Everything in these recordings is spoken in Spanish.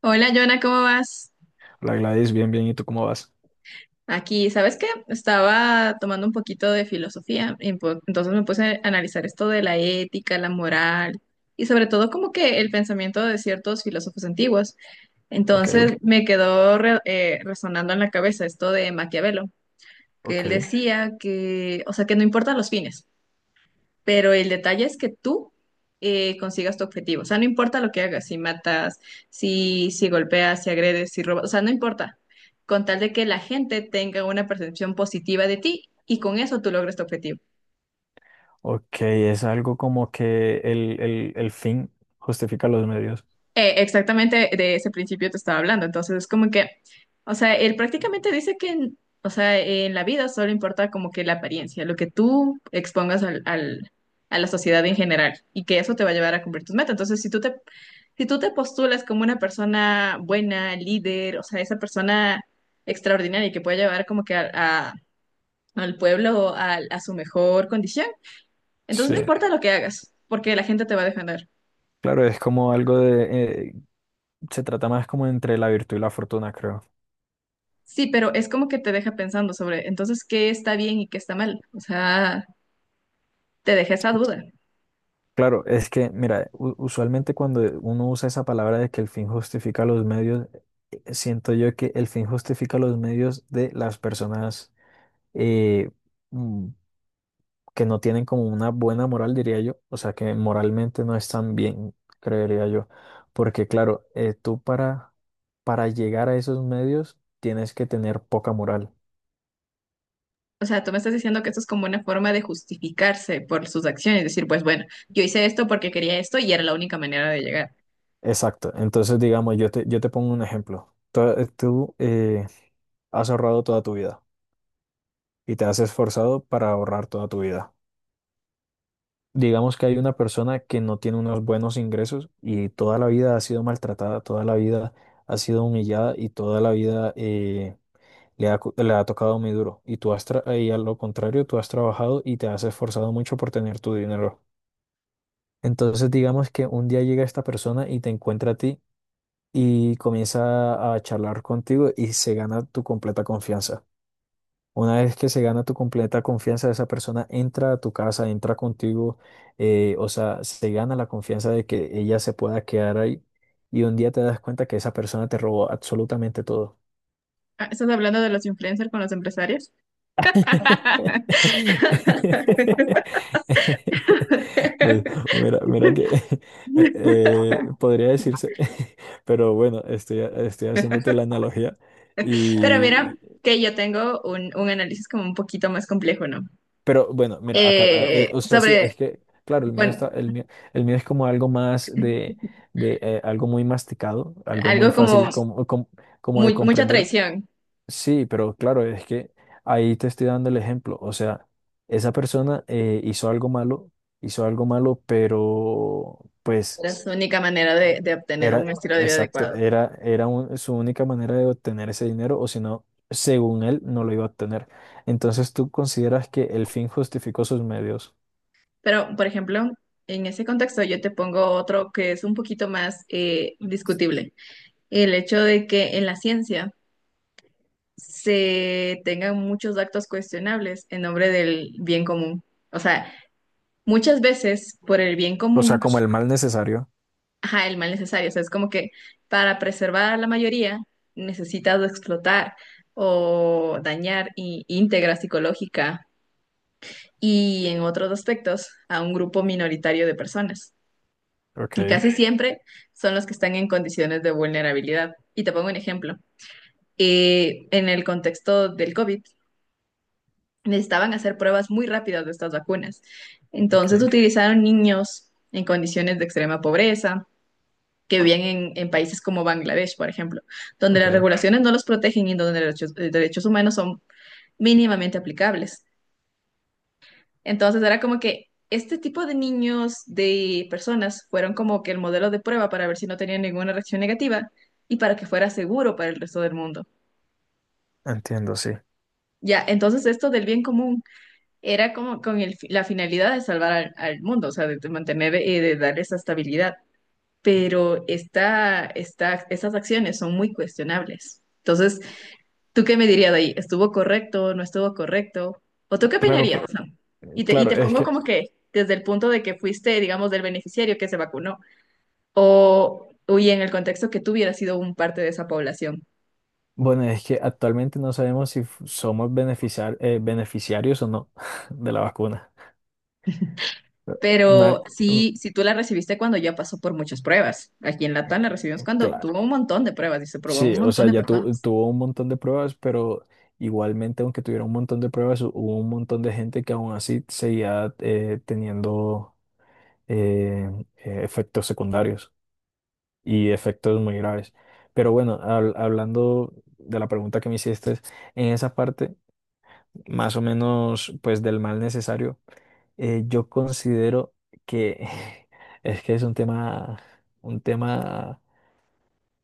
Hola, Jonah, ¿cómo vas? La Gladys, bien, bien. ¿Y tú cómo vas? Aquí, ¿sabes qué? Estaba tomando un poquito de filosofía, entonces me puse a analizar esto de la ética, la moral y sobre todo como que el pensamiento de ciertos filósofos antiguos. Ok, Entonces me quedó resonando en la cabeza esto de Maquiavelo, que él ok. decía que, o sea, que no importan los fines, pero el detalle es que tú consigas tu objetivo. O sea, no importa lo que hagas, si matas, si golpeas, si agredes, si robas, o sea, no importa. Con tal de que la gente tenga una percepción positiva de ti y con eso tú logres tu objetivo. Ok, es algo como que el fin justifica los medios. Exactamente de ese principio te estaba hablando. Entonces, es como que, o sea, él prácticamente o sea, en la vida solo importa como que la apariencia, lo que tú expongas a la sociedad en general y que eso te va a llevar a cumplir tus metas. Entonces, si tú te postulas como una persona buena, líder, o sea, esa persona extraordinaria que puede llevar como que al pueblo a su mejor condición, entonces Sí. no importa lo que hagas, porque la gente te va a defender. Claro, es como algo de... se trata más como entre la virtud y la fortuna, creo. Sí, pero es como que te deja pensando sobre entonces qué está bien y qué está mal. O sea, te deja esa duda. Claro, es que, mira, usualmente cuando uno usa esa palabra de que el fin justifica los medios, siento yo que el fin justifica los medios de las personas eh, mm, que no tienen como una buena moral, diría yo, o sea, que moralmente no están bien, creería yo, porque claro, para llegar a esos medios tienes que tener poca moral. O sea, tú me estás diciendo que esto es como una forma de justificarse por sus acciones, decir, pues bueno, yo hice esto porque quería esto y era la única manera de llegar. Exacto, entonces digamos, yo te pongo un ejemplo. Has ahorrado toda tu vida y te has esforzado para ahorrar toda tu vida. Digamos que hay una persona que no tiene unos buenos ingresos y toda la vida ha sido maltratada, toda la vida ha sido humillada y toda la vida. Le ha tocado muy duro. Y tú y a lo contrario, tú has trabajado y te has esforzado mucho por tener tu dinero. Entonces, digamos que un día llega esta persona y te encuentra a ti y comienza a charlar contigo y se gana tu completa confianza. Una vez que se gana tu completa confianza, esa persona entra a tu casa, entra contigo, o sea, se gana la confianza de que ella se pueda quedar ahí y un día te das cuenta que esa persona te robó absolutamente todo. Ah, ¿estás hablando de los influencers con los empresarios? Pues mira, mira que podría decirse, pero bueno, estoy haciéndote la analogía Pero mira y, que yo tengo un análisis como un poquito más complejo, ¿no? pero bueno, mira, acá, Eh, o sea, sí, es sobre, que, claro, bueno, el mío es como algo más de algo muy masticado, algo muy algo como fácil como de mucha comprender. traición. Sí, pero claro, es que ahí te estoy dando el ejemplo. O sea, esa persona hizo algo malo, pero pues Era su única manera de obtener era, un estilo de vida exacto, adecuado. era su única manera de obtener ese dinero, o si no, según él, no lo iba a obtener. Entonces tú consideras que el fin justificó sus medios, Pero, por ejemplo, en ese contexto yo te pongo otro que es un poquito más discutible. El hecho de que en la ciencia se tengan muchos actos cuestionables en nombre del bien común. O sea, muchas veces por el bien o sea, común, como el mal necesario. ajá, el mal necesario. O sea, es como que para preservar a la mayoría necesitas explotar o dañar íntegra psicológica y en otros aspectos a un grupo minoritario de personas. Y Ok, casi siempre son los que están en condiciones de vulnerabilidad. Y te pongo un ejemplo. En el contexto del COVID, necesitaban hacer pruebas muy rápidas de estas vacunas. Entonces ok, utilizaron niños en condiciones de extrema pobreza, que vivían en países como Bangladesh, por ejemplo, donde ok. las regulaciones no los protegen y donde derechos humanos son mínimamente aplicables. Entonces era como que este tipo de niños, de personas, fueron como que el modelo de prueba para ver si no tenían ninguna reacción negativa y para que fuera seguro para el resto del mundo. Entiendo, sí. Ya, entonces esto del bien común era como con la finalidad de salvar al mundo, o sea, de mantener, de darle esa estabilidad. Pero estas acciones son muy cuestionables. Entonces, ¿tú qué me dirías de ahí? ¿Estuvo correcto? ¿No estuvo correcto? ¿O tú qué Claro, opinarías? ¿Sam? Y te, y claro, te es pongo que como que desde el punto de que fuiste, digamos, del beneficiario que se vacunó, o y en el contexto que tú hubieras sido un parte de esa población. bueno, es que actualmente no sabemos si somos beneficiarios o no de la vacuna. Ma- Pero mm, sí, si tú la recibiste cuando ya pasó por muchas pruebas. Aquí en Latam la recibimos cuando cla- tuvo un montón de pruebas y se probó a un sí, o montón sea, de ya personas. tuvo un montón de pruebas, pero igualmente, aunque tuviera un montón de pruebas, hubo un montón de gente que aún así seguía teniendo eh, efectos secundarios y efectos muy graves. Pero bueno, hablando de la pregunta que me hiciste, en esa parte, más o menos, pues del mal necesario. Yo considero que es que es un tema, un tema,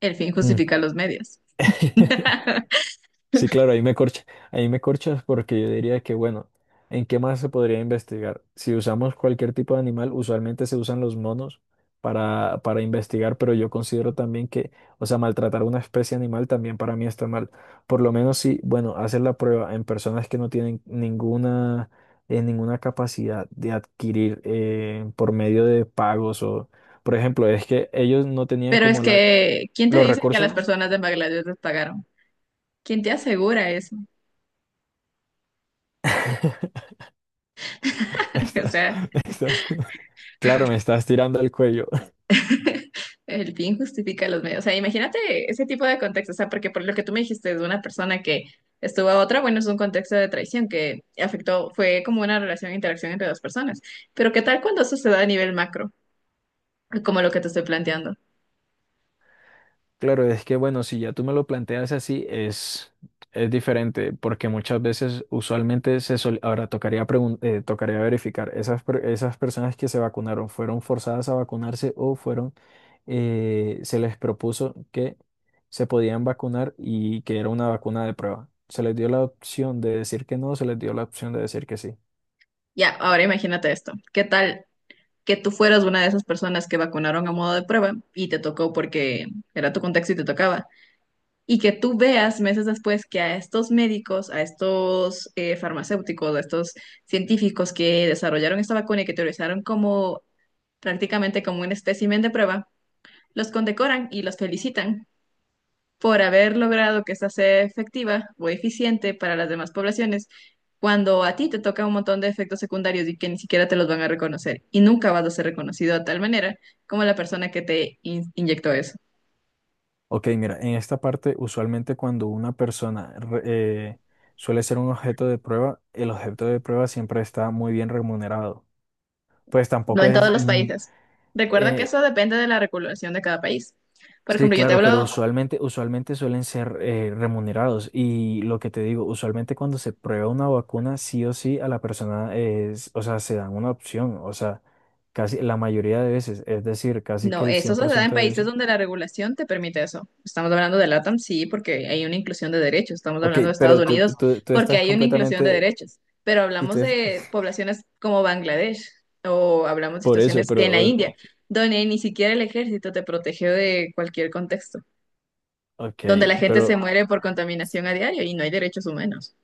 El fin mm, justifica los medios. sí, claro, ahí me corcha, ahí me corchas porque yo diría que, bueno, ¿en qué más se podría investigar? Si usamos cualquier tipo de animal, usualmente se usan los monos para investigar, pero yo considero también que, o sea, maltratar una especie animal también para mí está mal. Por lo menos si, bueno, hacer la prueba en personas que no tienen ninguna, ninguna capacidad de adquirir por medio de pagos o, por ejemplo, es que ellos no tenían Pero es como la, que, ¿quién te los dice que a recursos. las personas de Bangladesh les pagaron? ¿Quién te asegura eso? O Está- sea, está. Claro, me estás tirando el cuello. el fin justifica los medios. O sea, imagínate ese tipo de contexto. O sea, porque por lo que tú me dijiste de una persona que estuvo a otra, bueno, es un contexto de traición que afectó, fue como una relación, interacción entre dos personas. Pero ¿qué tal cuando eso se da a nivel macro? Como lo que te estoy planteando. Claro, es que bueno, si ya tú me lo planteas así, es diferente, porque muchas veces, usualmente, ahora tocaría, tocaría verificar, esas personas que se vacunaron, ¿fueron forzadas a vacunarse o fueron, se les propuso que se podían vacunar y que era una vacuna de prueba? ¿Se les dio la opción de decir que no, se les dio la opción de decir que sí? Ya, ahora imagínate esto. ¿Qué tal que tú fueras una de esas personas que vacunaron a modo de prueba y te tocó porque era tu contexto y te tocaba, y que tú veas meses después que a estos médicos, a estos farmacéuticos, a estos científicos que desarrollaron esta vacuna y que utilizaron como prácticamente como un espécimen de prueba, los condecoran y los felicitan por haber logrado que esta sea efectiva o eficiente para las demás poblaciones, cuando a ti te toca un montón de efectos secundarios y que ni siquiera te los van a reconocer y nunca vas a ser reconocido de tal manera como la persona que te inyectó eso? Ok, mira, en esta parte usualmente cuando una persona suele ser un objeto de prueba, el objeto de prueba siempre está muy bien remunerado. Pues No tampoco en todos es... los mm, países. Recuerda que eh, eso depende de la regulación de cada país. Por sí, ejemplo, yo te claro, claro pero hablo, usualmente, usualmente suelen ser remunerados. Y lo que te digo, usualmente cuando se prueba una vacuna, sí o sí a la persona es, o sea, se dan una opción, o sea, casi la mayoría de veces, es decir, casi que no, el eso cien se por da en ciento de países veces. donde la regulación te permite eso. Estamos hablando de LATAM, sí, porque hay una inclusión de derechos. Estamos Ok, hablando de pero Estados Unidos, tú porque estás hay una inclusión de completamente... derechos. Pero Y tú, hablamos de poblaciones como Bangladesh o hablamos de por eso, situaciones que en la pero India, donde ni siquiera el ejército te protege de cualquier contexto, ok, donde la gente se pero muere por contaminación a diario y no hay derechos humanos.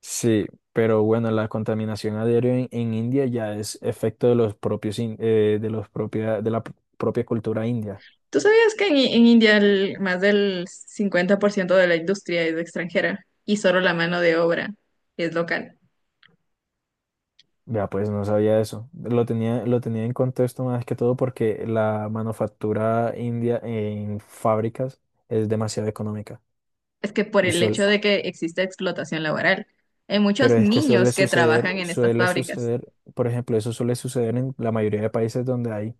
sí, pero bueno, la contaminación aérea en India ya es efecto de los propios de los propia, de propia cultura india. ¿Tú sabías que en India más del 50% de la industria es extranjera y solo la mano de obra es local? Vea, pues no sabía eso. Lo tenía en contexto más que todo porque la manufactura india en fábricas es demasiado económica. Es que por Y el suel hecho de que existe explotación laboral, hay muchos Pero es que niños que trabajan en estas suele fábricas. suceder, por ejemplo, eso suele suceder en la mayoría de países donde hay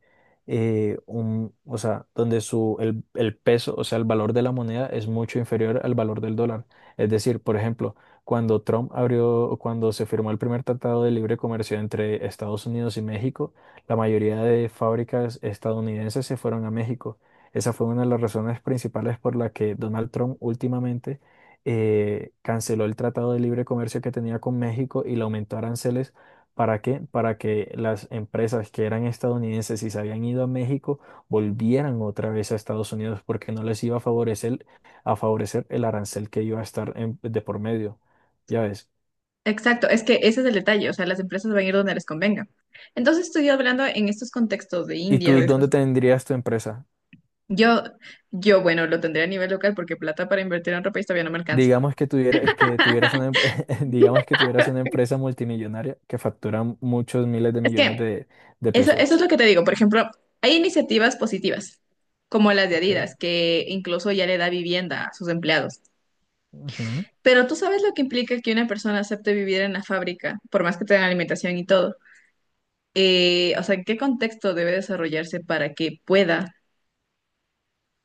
o sea, donde su, el peso, o sea, el valor de la moneda es mucho inferior al valor del dólar. Es decir, por ejemplo, cuando Trump abrió, cuando se firmó el primer tratado de libre comercio entre Estados Unidos y México, la mayoría de fábricas estadounidenses se fueron a México. Esa fue una de las razones principales por la que Donald Trump últimamente canceló el tratado de libre comercio que tenía con México y le aumentó aranceles. ¿Para qué? Para que las empresas que eran estadounidenses y se habían ido a México volvieran otra vez a Estados Unidos porque no les iba a favorecer el arancel que iba a estar de por medio. Ya ves. Exacto, es que ese es el detalle, o sea, las empresas van a ir donde les convenga. Entonces estoy hablando en estos contextos de ¿Y India, tú de dónde tendrías tu empresa? yo, yo, bueno, lo tendré a nivel local porque plata para invertir en ropa y todavía no me alcanza. Digamos que tuvieras digamos que tuvieras una empresa multimillonaria que factura muchos miles de Es millones que de Eso, pesos. eso es lo que te digo. Por ejemplo, hay iniciativas positivas, como las de Ok. Adidas, que incluso ya le da vivienda a sus empleados. Ujú. Pero tú sabes lo que implica que una persona acepte vivir en la fábrica, por más que tenga alimentación y todo. ¿En qué contexto debe desarrollarse para que pueda,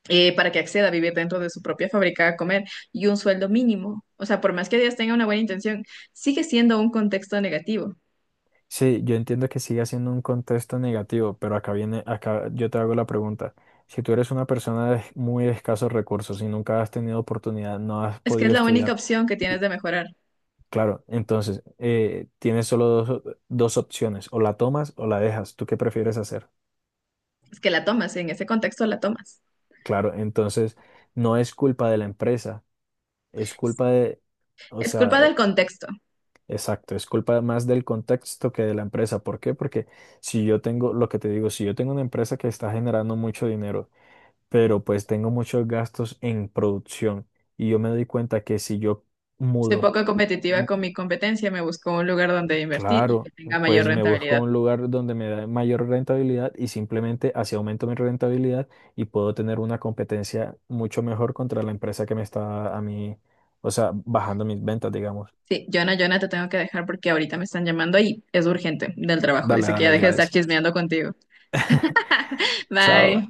para que acceda a vivir dentro de su propia fábrica a comer y un sueldo mínimo? O sea, por más que Adidas tenga una buena intención, sigue siendo un contexto negativo. Sí, yo entiendo que sigue siendo un contexto negativo, pero acá viene, acá yo te hago la pregunta. Si tú eres una persona de muy escasos recursos y nunca has tenido oportunidad, no has Es que es podido la única estudiar, opción que tienes y de mejorar. claro, entonces tienes solo dos opciones, o la tomas o la dejas. ¿Tú qué prefieres hacer? Es que la tomas, en ese contexto la tomas. Claro, entonces no es culpa de la empresa, es culpa de, o Es culpa sea, del contexto. exacto, es culpa más del contexto que de la empresa. ¿Por qué? Porque si yo tengo, lo que te digo, si yo tengo una empresa que está generando mucho dinero, pero pues tengo muchos gastos en producción y yo me doy cuenta que si yo Soy mudo, poco competitiva mm, con mi competencia, me busco un lugar donde invertir y que claro, tenga mayor pues me busco rentabilidad. un lugar donde me da mayor rentabilidad y simplemente así aumento mi rentabilidad y puedo tener una competencia mucho mejor contra la empresa que me está a mí, o sea, bajando mis ventas, digamos. Sí, Jonah, Jonah, te tengo que dejar porque ahorita me están llamando y es urgente del trabajo. Dale, Dice que ya dale, deje de estar Gladys. chismeando contigo. Chao. Bye.